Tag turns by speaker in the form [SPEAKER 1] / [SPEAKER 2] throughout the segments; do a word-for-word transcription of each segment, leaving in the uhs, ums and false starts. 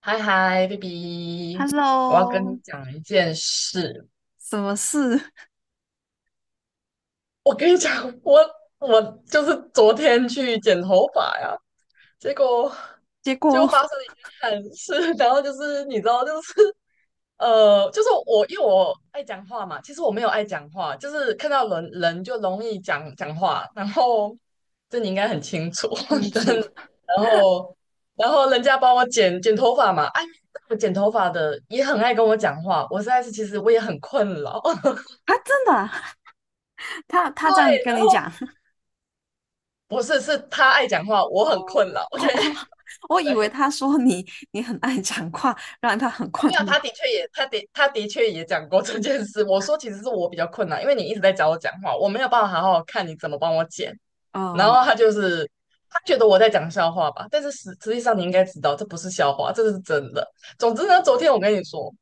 [SPEAKER 1] 嗨嗨，baby，我要跟你
[SPEAKER 2] Hello，
[SPEAKER 1] 讲一件事。
[SPEAKER 2] 什么事？
[SPEAKER 1] 我跟你讲，我我就是昨天去剪头发呀，结果
[SPEAKER 2] 结
[SPEAKER 1] 结果
[SPEAKER 2] 果。
[SPEAKER 1] 发生了一件憾事，然后就是你知道，就是呃，就是我因为我爱讲话嘛，其实我没有爱讲话，就是看到人人就容易讲讲话，然后这你应该很清楚，
[SPEAKER 2] 清
[SPEAKER 1] 但
[SPEAKER 2] 楚。
[SPEAKER 1] 然后然后人家帮我剪剪头发嘛，哎，我剪头发的也很爱跟我讲话，我实在是其实我也很困扰，
[SPEAKER 2] 啊？真的啊？他他
[SPEAKER 1] 对，
[SPEAKER 2] 这样跟
[SPEAKER 1] 然
[SPEAKER 2] 你
[SPEAKER 1] 后
[SPEAKER 2] 讲。
[SPEAKER 1] 不是是他爱讲话，我
[SPEAKER 2] 哦，
[SPEAKER 1] 很困扰 ，OK，
[SPEAKER 2] 哦，我以为
[SPEAKER 1] 对。
[SPEAKER 2] 他说你你很爱讲话，让他很困
[SPEAKER 1] 没有，
[SPEAKER 2] 扰。
[SPEAKER 1] 他的确也，他的他的确也讲过这件事。我说其实是我比较困难，因为你一直在找我讲话，我没有办法好好看你怎么帮我剪。然
[SPEAKER 2] 哦。
[SPEAKER 1] 后他就是他觉得我在讲笑话吧，但是实实际上你应该知道这不是笑话，这是真的。总之呢，昨天我跟你说，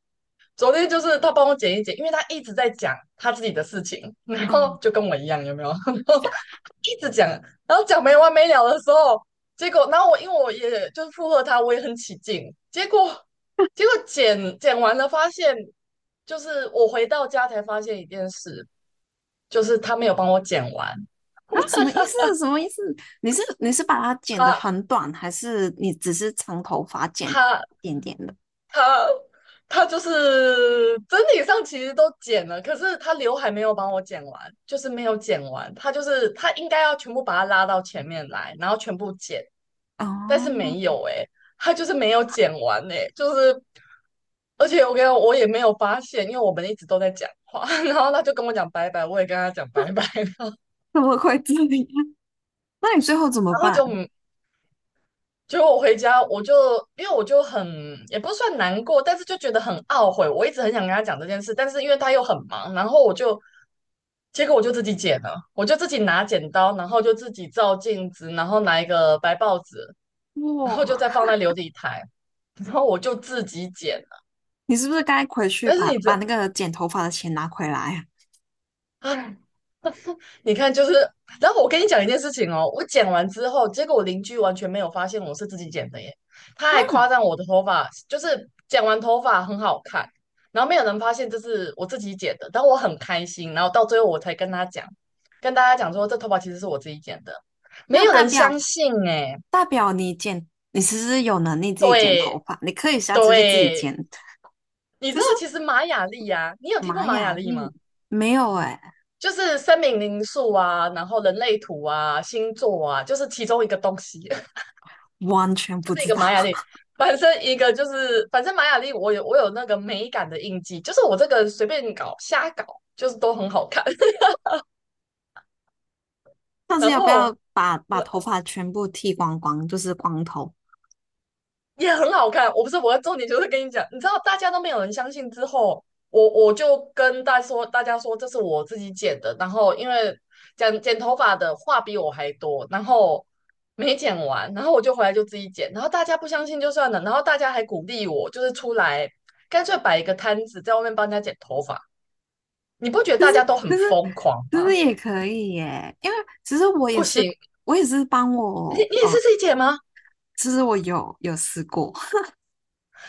[SPEAKER 1] 昨天就是他帮我剪一剪，因为他一直在讲他自己的事情，然后
[SPEAKER 2] 嗯。
[SPEAKER 1] 就跟我一样，有没有？然后一直讲，然后讲没完没了的时候，结果，然后我因为我也就是附和他，我也很起劲，结果，结果剪剪完了，发现就是我回到家才发现一件事，就是他没有帮我剪完，
[SPEAKER 2] 啊，什么意思？什么意思？你是你是把它剪得
[SPEAKER 1] 他
[SPEAKER 2] 很短，还是你只是长头发剪
[SPEAKER 1] 他
[SPEAKER 2] 一点点的？
[SPEAKER 1] 他他就是整体上其实都剪了，可是他刘海没有帮我剪完，就是没有剪完。他就是他应该要全部把它拉到前面来，然后全部剪，但是
[SPEAKER 2] 哦。
[SPEAKER 1] 没有诶、他就是没有剪完诶、就是而且我跟你讲，我也没有发现，因为我们一直都在讲话，然后他就跟我讲拜拜，我也跟他讲拜拜，
[SPEAKER 2] 怎么会这样？那你最后怎么
[SPEAKER 1] 然后就
[SPEAKER 2] 办？
[SPEAKER 1] 嗯结果我回家，我就因为我就很也不是算难过，但是就觉得很懊悔。我一直很想跟他讲这件事，但是因为他又很忙，然后我就结果我就自己剪了，我就自己拿剪刀，然后就自己照镜子，然后拿一个白报纸，然后
[SPEAKER 2] 哇，
[SPEAKER 1] 就再放在琉璃台，然后我就自己剪了。
[SPEAKER 2] 你是不是该回去
[SPEAKER 1] 但是
[SPEAKER 2] 把
[SPEAKER 1] 你
[SPEAKER 2] 把
[SPEAKER 1] 这，
[SPEAKER 2] 那个剪头发的钱拿回来啊？
[SPEAKER 1] 唉，你看，就是，然后我跟你讲一件事情哦，我剪完之后，结果我邻居完全没有发现我是自己剪的耶，他还夸
[SPEAKER 2] 啊，
[SPEAKER 1] 赞我的头发，就是剪完头发很好看，然后没有人发现这是我自己剪的，但我很开心，然后到最后我才跟他讲，跟大家讲说这头发其实是我自己剪的，没
[SPEAKER 2] 那
[SPEAKER 1] 有
[SPEAKER 2] 大
[SPEAKER 1] 人
[SPEAKER 2] 表
[SPEAKER 1] 相信哎，
[SPEAKER 2] 大表你剪，你其实有能力自己剪头
[SPEAKER 1] 对
[SPEAKER 2] 发，你可以下次就自己
[SPEAKER 1] 对，
[SPEAKER 2] 剪。
[SPEAKER 1] 你知
[SPEAKER 2] 就
[SPEAKER 1] 道
[SPEAKER 2] 是
[SPEAKER 1] 其实玛雅历啊，你有听过
[SPEAKER 2] 玛
[SPEAKER 1] 玛雅
[SPEAKER 2] 雅
[SPEAKER 1] 历吗？
[SPEAKER 2] 历。没有哎，
[SPEAKER 1] 就是生命灵数啊，然后人类图啊，星座啊，就是其中一个东西。
[SPEAKER 2] 完全
[SPEAKER 1] 就
[SPEAKER 2] 不
[SPEAKER 1] 是一
[SPEAKER 2] 知
[SPEAKER 1] 个
[SPEAKER 2] 道。
[SPEAKER 1] 玛雅丽，反正一个就是反正玛雅丽，我有我有那个美感的印记，就是我这个随便搞瞎搞，就是都很好看，
[SPEAKER 2] 但是
[SPEAKER 1] 然
[SPEAKER 2] 要不要
[SPEAKER 1] 后
[SPEAKER 2] 把把头
[SPEAKER 1] 呃
[SPEAKER 2] 发全部剃光光，就是光头。
[SPEAKER 1] 也很好看。我不是我的重点就是跟你讲，你知道大家都没有人相信之后，我我就跟大家说，大家说这是我自己剪的，然后因为剪剪头发的话比我还多，然后。没剪完，然后我就回来就自己剪，然后大家不相信就算了，然后大家还鼓励我，就是出来干脆摆一个摊子在外面帮人家剪头发，你不觉得大家都很
[SPEAKER 2] 就是
[SPEAKER 1] 疯狂
[SPEAKER 2] 就是
[SPEAKER 1] 吗？
[SPEAKER 2] 也可以耶，因为其实我也
[SPEAKER 1] 不
[SPEAKER 2] 是
[SPEAKER 1] 行，
[SPEAKER 2] 我也是帮
[SPEAKER 1] 你
[SPEAKER 2] 我，
[SPEAKER 1] 你也
[SPEAKER 2] 嗯、
[SPEAKER 1] 是
[SPEAKER 2] 呃
[SPEAKER 1] 自己剪吗？
[SPEAKER 2] 其实我有有试过，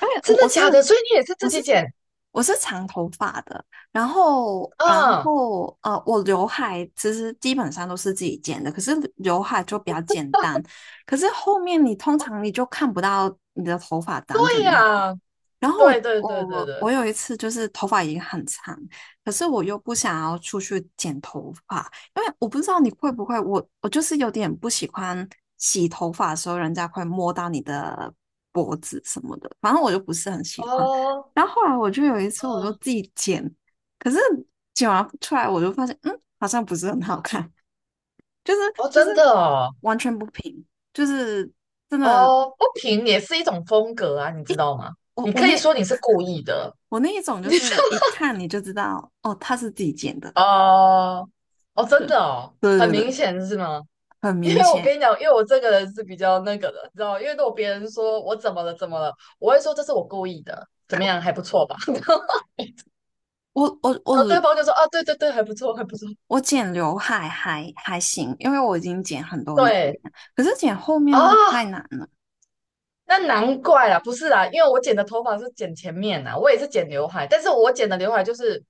[SPEAKER 2] 因为我
[SPEAKER 1] 真的
[SPEAKER 2] 我是
[SPEAKER 1] 假的？所以你也是
[SPEAKER 2] 我
[SPEAKER 1] 自
[SPEAKER 2] 是
[SPEAKER 1] 己剪？
[SPEAKER 2] 我是长头发的。然后然
[SPEAKER 1] 嗯，
[SPEAKER 2] 后呃，我刘海其实基本上都是自己剪的，可是刘海就比较简单。可是后面你通常你就看不到你的头发
[SPEAKER 1] 对
[SPEAKER 2] 长怎样。
[SPEAKER 1] 呀，
[SPEAKER 2] 然后
[SPEAKER 1] 对
[SPEAKER 2] 我
[SPEAKER 1] 对对对
[SPEAKER 2] 我
[SPEAKER 1] 对，
[SPEAKER 2] 我有一次就是头发已经很长，可是我又不想要出去剪头发，因为我不知道你会不会，我我就是有点不喜欢洗头发的时候人家会摸到你的脖子什么的，反正我就不是很喜欢。
[SPEAKER 1] 哦，
[SPEAKER 2] 然后后来我就有一次我就
[SPEAKER 1] 嗯，
[SPEAKER 2] 自己剪，可是剪完出来我就发现，嗯，好像不是很好看，就是
[SPEAKER 1] 哦，
[SPEAKER 2] 就是
[SPEAKER 1] 真的哦，
[SPEAKER 2] 完全不平，就是真的。
[SPEAKER 1] 哦，不平也是一种风格啊，你知道吗？
[SPEAKER 2] 我
[SPEAKER 1] 你
[SPEAKER 2] 我
[SPEAKER 1] 可
[SPEAKER 2] 那
[SPEAKER 1] 以说你是故意的，
[SPEAKER 2] 我那一 种就
[SPEAKER 1] 你是
[SPEAKER 2] 是一看你就知道，哦，他是自己剪的。
[SPEAKER 1] 哦，哦，真
[SPEAKER 2] 对，
[SPEAKER 1] 的哦，
[SPEAKER 2] 对
[SPEAKER 1] 很
[SPEAKER 2] 对
[SPEAKER 1] 明
[SPEAKER 2] 对，
[SPEAKER 1] 显是吗？
[SPEAKER 2] 很
[SPEAKER 1] 因
[SPEAKER 2] 明
[SPEAKER 1] 为我
[SPEAKER 2] 显。
[SPEAKER 1] 跟你讲，因为我这个人是比较那个的，你知道吗因为如果别人说我怎么了怎么了，我会说这是我故意的，怎么样还不错吧？
[SPEAKER 2] 我我
[SPEAKER 1] 然后
[SPEAKER 2] 我
[SPEAKER 1] 对方就说哦，对对对，还不错，还不错，
[SPEAKER 2] 我剪刘海还还行，因为我已经剪很多年
[SPEAKER 1] 对
[SPEAKER 2] 了，可是剪后面
[SPEAKER 1] 啊，
[SPEAKER 2] 这个太难了。
[SPEAKER 1] 那难怪啦，不是啦，因为我剪的头发是剪前面啦，我也是剪刘海，但是我剪的刘海就是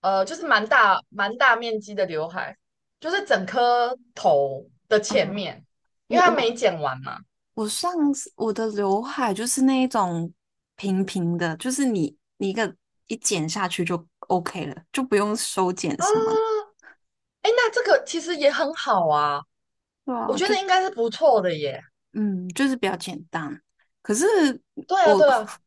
[SPEAKER 1] 呃，就是蛮大蛮大面积的刘海，就是整颗头的前面，因
[SPEAKER 2] 我
[SPEAKER 1] 为它没
[SPEAKER 2] 我
[SPEAKER 1] 剪完嘛。
[SPEAKER 2] 我上次我的刘海就是那一种平平的，就是你你一个一剪下去就 OK 了，就不用修剪什么的。
[SPEAKER 1] 啊，哎，那这个其实也很好啊，
[SPEAKER 2] 对
[SPEAKER 1] 我
[SPEAKER 2] 啊，
[SPEAKER 1] 觉得
[SPEAKER 2] 就
[SPEAKER 1] 应该是不错的耶。
[SPEAKER 2] 嗯，就是比较简单。可是
[SPEAKER 1] 对啊，
[SPEAKER 2] 我
[SPEAKER 1] 对啊，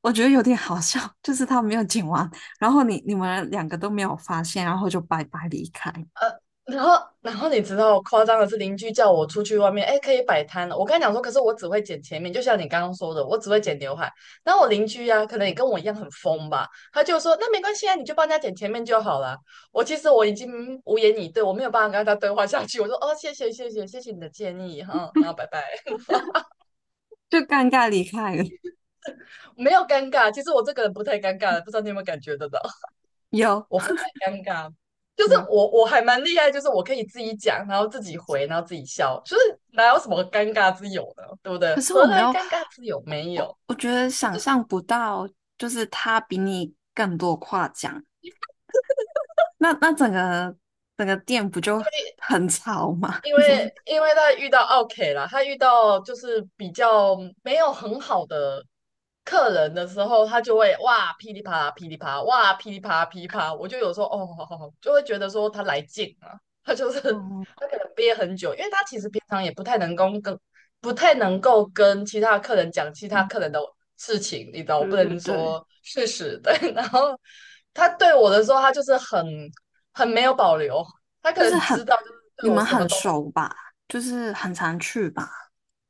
[SPEAKER 2] 我觉得有点好笑，就是他没有剪完，然后你你们两个都没有发现，然后就拜拜离开，
[SPEAKER 1] 呃，然后然后你知道夸张的是，邻居叫我出去外面，哎，可以摆摊了。我跟他讲说，可是我只会剪前面，就像你刚刚说的，我只会剪刘海。然后我邻居呀、可能也跟我一样很疯吧，他就说那没关系啊，你就帮人家剪前面就好了。我其实我已经无言以对，我没有办法跟他对话下去。我说哦，谢谢谢谢谢谢你的建议哈，然后拜拜，
[SPEAKER 2] 就尴尬离开了。
[SPEAKER 1] 没有尴尬。其实我这个人不太尴尬的，不知道你有没有感觉得到？
[SPEAKER 2] 有。
[SPEAKER 1] 我不会尴尬，就是
[SPEAKER 2] 有，
[SPEAKER 1] 我我还蛮厉害，就是我可以自己讲，然后自己回，然后自己笑，就是哪有什么尴尬之有呢？对不对？
[SPEAKER 2] 可是我
[SPEAKER 1] 何
[SPEAKER 2] 没
[SPEAKER 1] 来
[SPEAKER 2] 有，
[SPEAKER 1] 尴尬之有？
[SPEAKER 2] 我
[SPEAKER 1] 没
[SPEAKER 2] 我
[SPEAKER 1] 有。
[SPEAKER 2] 我觉得想象不到，就是他比你更多夸奖，那那整个整个店不就很吵吗？
[SPEAKER 1] 因
[SPEAKER 2] 你
[SPEAKER 1] 为
[SPEAKER 2] 们。
[SPEAKER 1] 因为他遇到奥 k 啦，他遇到就是比较没有很好的客人的时候，他就会哇噼里啪啦噼里啪啦，哇噼里啪啦噼里啪啦，我就有时候哦，好好好就会觉得说他来劲了，他就是
[SPEAKER 2] 哦。
[SPEAKER 1] 他可能憋很久，因为他其实平常也不太能够跟不太能够跟其他客人讲其他
[SPEAKER 2] 嗯。
[SPEAKER 1] 客人的事情，你知道，我
[SPEAKER 2] 对
[SPEAKER 1] 不
[SPEAKER 2] 对
[SPEAKER 1] 能
[SPEAKER 2] 对。
[SPEAKER 1] 说事实，对，然后他对我的时候，他就是很很没有保留，他可
[SPEAKER 2] 就是
[SPEAKER 1] 能
[SPEAKER 2] 很，
[SPEAKER 1] 知道就是对
[SPEAKER 2] 你
[SPEAKER 1] 我
[SPEAKER 2] 们
[SPEAKER 1] 什么
[SPEAKER 2] 很
[SPEAKER 1] 都。
[SPEAKER 2] 熟吧？就是很常去吧？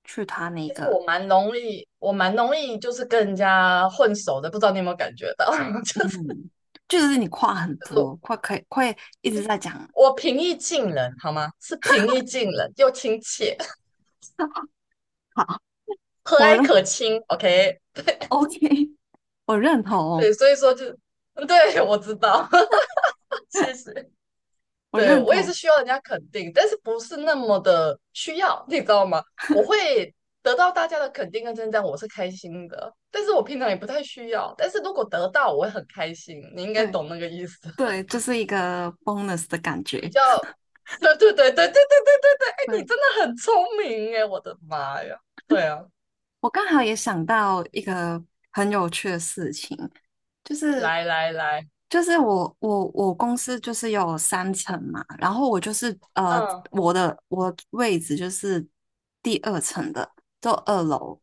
[SPEAKER 2] 去他那
[SPEAKER 1] 其实我
[SPEAKER 2] 个。
[SPEAKER 1] 蛮容易，我蛮容易就是跟人家混熟的，不知道你有没有感觉到？就是
[SPEAKER 2] 嗯，就是你话很
[SPEAKER 1] 我
[SPEAKER 2] 多，快可以会一直在讲。
[SPEAKER 1] 平易近人，好吗？是平易近人又亲切，
[SPEAKER 2] 好，
[SPEAKER 1] 和
[SPEAKER 2] 我
[SPEAKER 1] 蔼
[SPEAKER 2] 认
[SPEAKER 1] 可亲。OK，
[SPEAKER 2] ，OK，我认同。
[SPEAKER 1] 对，所以说就，嗯对，我知道，谢谢。
[SPEAKER 2] 我
[SPEAKER 1] 对，
[SPEAKER 2] 认
[SPEAKER 1] 我也是
[SPEAKER 2] 同。
[SPEAKER 1] 需要人家肯定，但是不是那么的需要，你知道吗？我会得到大家的肯定跟称赞，我是开心的，但是我平常也不太需要，但是如果得到，我会很开心。你应该
[SPEAKER 2] 对
[SPEAKER 1] 懂那个意思。
[SPEAKER 2] 对，就是一个 bonus 的感
[SPEAKER 1] 比
[SPEAKER 2] 觉。
[SPEAKER 1] 较，对对对对对对对对对，哎，你
[SPEAKER 2] 对，
[SPEAKER 1] 真的很聪明哎，我的妈呀！对啊，
[SPEAKER 2] 我刚好也想到一个很有趣的事情。就是
[SPEAKER 1] 来来来，
[SPEAKER 2] 就是我我我公司就是有三层嘛，然后我就是呃
[SPEAKER 1] 嗯
[SPEAKER 2] 我的我的位置就是第二层的，就二楼。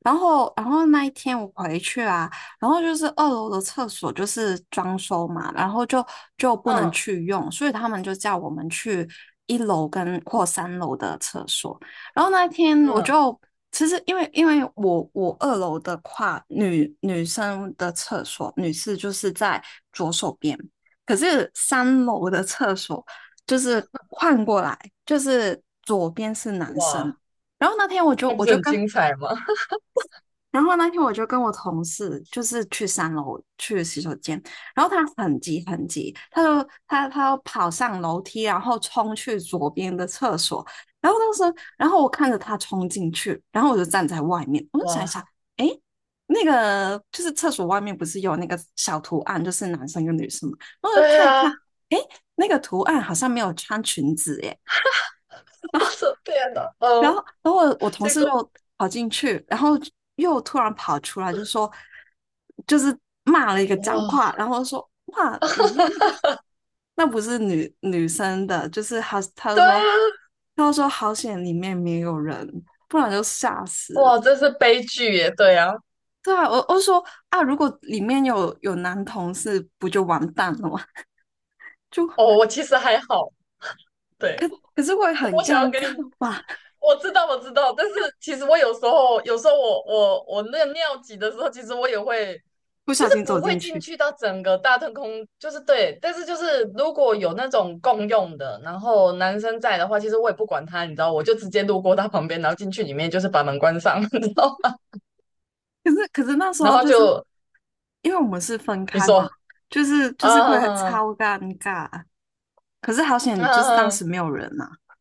[SPEAKER 2] 然后然后那一天我回去啊，然后就是二楼的厕所就是装修嘛，然后就就不能
[SPEAKER 1] 嗯
[SPEAKER 2] 去用，所以他们就叫我们去一楼跟或三楼的厕所。然后那天我
[SPEAKER 1] 嗯，
[SPEAKER 2] 就其实因为因为我我二楼的话，女女生的厕所女士就是在左手边，可是三楼的厕所就是换过来，就是左边是男生。
[SPEAKER 1] 哇，
[SPEAKER 2] 然后那天我就
[SPEAKER 1] 那不
[SPEAKER 2] 我
[SPEAKER 1] 是
[SPEAKER 2] 就
[SPEAKER 1] 很
[SPEAKER 2] 跟
[SPEAKER 1] 精彩吗？
[SPEAKER 2] 然后那天我就跟我同事就是去三楼去洗手间。然后他很急很急，他就他他跑上楼梯，然后冲去左边的厕所。然后当时候然后我看着他冲进去，然后我就站在外面，我就想一
[SPEAKER 1] 哇，
[SPEAKER 2] 想，哎，那个就是厕所外面不是有那个小图案，就是男生跟女生嘛，我就
[SPEAKER 1] 对
[SPEAKER 2] 看一看，
[SPEAKER 1] 呀，
[SPEAKER 2] 哎，那个图案好像没有穿裙子耶。
[SPEAKER 1] 我的天呐，
[SPEAKER 2] 然后，
[SPEAKER 1] 哦，
[SPEAKER 2] 然后我我同
[SPEAKER 1] 这
[SPEAKER 2] 事
[SPEAKER 1] 个
[SPEAKER 2] 就跑进去，然后又突然跑出来，就说，就是骂了一个脏
[SPEAKER 1] 哇，
[SPEAKER 2] 话，然后说，哇，里面那个那不是女女生的。就是他，他就
[SPEAKER 1] 对
[SPEAKER 2] 说，
[SPEAKER 1] 啊，
[SPEAKER 2] 他就说好险里面没有人，不然就吓死了。
[SPEAKER 1] 哇，这是悲剧耶，对啊，
[SPEAKER 2] 对啊，我我说啊，如果里面有有男同事，不就完蛋了吗？就
[SPEAKER 1] 哦，我其实还好，对，
[SPEAKER 2] 可是会
[SPEAKER 1] 我
[SPEAKER 2] 很
[SPEAKER 1] 我想要
[SPEAKER 2] 尴
[SPEAKER 1] 跟
[SPEAKER 2] 尬
[SPEAKER 1] 你，
[SPEAKER 2] 吧。
[SPEAKER 1] 我知道我知道，但是其实我有时候有时候我我我那个尿急的时候，其实我也会
[SPEAKER 2] 不
[SPEAKER 1] 就
[SPEAKER 2] 小
[SPEAKER 1] 是
[SPEAKER 2] 心
[SPEAKER 1] 不
[SPEAKER 2] 走
[SPEAKER 1] 会
[SPEAKER 2] 进
[SPEAKER 1] 进
[SPEAKER 2] 去。
[SPEAKER 1] 去到整个大特空，就是对，但是就是如果有那种共用的，然后男生在的话，其实我也不管他，你知道，我就直接路过他旁边，然后进去里面，就是把门关上，你知道吗？
[SPEAKER 2] 可是可是那时
[SPEAKER 1] 然
[SPEAKER 2] 候
[SPEAKER 1] 后
[SPEAKER 2] 就是
[SPEAKER 1] 就
[SPEAKER 2] 因为我们是分
[SPEAKER 1] 你
[SPEAKER 2] 开嘛，
[SPEAKER 1] 说
[SPEAKER 2] 就是就
[SPEAKER 1] 啊
[SPEAKER 2] 是会
[SPEAKER 1] 啊，
[SPEAKER 2] 超尴尬。可是好险，就是当
[SPEAKER 1] 啊
[SPEAKER 2] 时没有人呐。啊，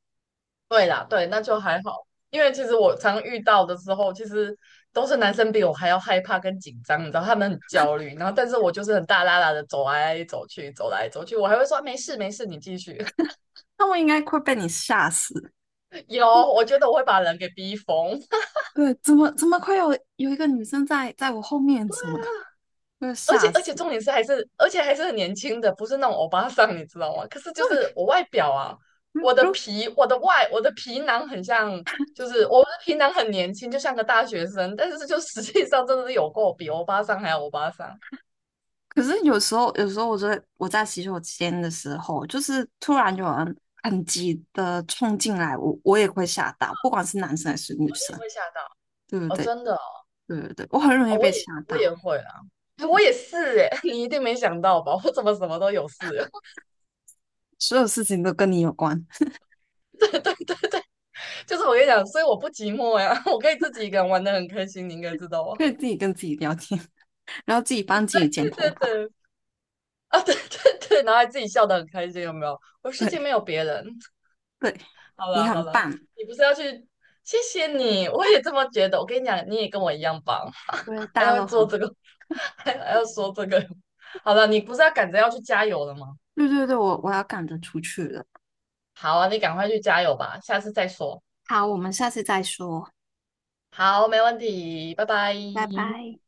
[SPEAKER 1] 对啦，对，那就还好，因为其实我常遇到的时候，其实都是男生比我还要害怕跟紧张，你知道，他们很焦虑，然后但是我就是很大啦啦的走来走去，走来走去，我还会说啊没事没事，你继续。
[SPEAKER 2] 那我应该会被你吓死。
[SPEAKER 1] 有，我觉得我会把人给逼疯，
[SPEAKER 2] 对。怎么怎么会有有一个女生在在我后面什么的，会
[SPEAKER 1] 而且
[SPEAKER 2] 吓
[SPEAKER 1] 而且
[SPEAKER 2] 死。
[SPEAKER 1] 重点是还是而且还是很年轻的，不是那种欧巴桑，你知道吗？可是就
[SPEAKER 2] 对。
[SPEAKER 1] 是我外表啊，
[SPEAKER 2] 如
[SPEAKER 1] 我的
[SPEAKER 2] 如
[SPEAKER 1] 皮，我的外，我的皮囊很像，就是我的皮囊很年轻，就像个大学生，但是就实际上真的是有够比欧巴桑还要欧巴桑。哦，
[SPEAKER 2] 可是有时候有时候我在我在洗手间的时候，就是突然有人很急的冲进来，我我也会吓到，不管是男生还是女
[SPEAKER 1] 你也
[SPEAKER 2] 生，
[SPEAKER 1] 会吓到
[SPEAKER 2] 对不
[SPEAKER 1] 哦，
[SPEAKER 2] 对？
[SPEAKER 1] 真的哦，
[SPEAKER 2] 对对对，我很容易
[SPEAKER 1] 哦我
[SPEAKER 2] 被吓
[SPEAKER 1] 也我也
[SPEAKER 2] 到。
[SPEAKER 1] 会啊，哎我
[SPEAKER 2] 对，
[SPEAKER 1] 也是哎，你一定没想到吧？我怎么什么都有事？
[SPEAKER 2] 所有事情都跟你有关。
[SPEAKER 1] 对，就是我跟你讲，所以我不寂寞呀，我可以自己一个人玩的很开心，你应该知道 啊。
[SPEAKER 2] 可以自己跟自己聊天，然后自己帮自己剪
[SPEAKER 1] 对
[SPEAKER 2] 头
[SPEAKER 1] 对
[SPEAKER 2] 发。
[SPEAKER 1] 对，啊，对对对，然后还自己笑得很开心，有没有？我世界没
[SPEAKER 2] 对
[SPEAKER 1] 有别人。
[SPEAKER 2] 对，
[SPEAKER 1] 好
[SPEAKER 2] 你
[SPEAKER 1] 了好
[SPEAKER 2] 很
[SPEAKER 1] 了，
[SPEAKER 2] 棒。
[SPEAKER 1] 你不是要去？谢谢你，我也这么觉得。我跟你讲，你也跟我一样棒，
[SPEAKER 2] 对， 大
[SPEAKER 1] 还
[SPEAKER 2] 家
[SPEAKER 1] 要
[SPEAKER 2] 都
[SPEAKER 1] 做
[SPEAKER 2] 很。
[SPEAKER 1] 这个，还还要说这个。好了，你不是要赶着要去加油了吗？
[SPEAKER 2] 对对对，我我要赶着出去了。
[SPEAKER 1] 好啊，你赶快去加油吧，下次再说。
[SPEAKER 2] 好，我们下次再说，
[SPEAKER 1] 好，没问题，拜拜。
[SPEAKER 2] 拜拜。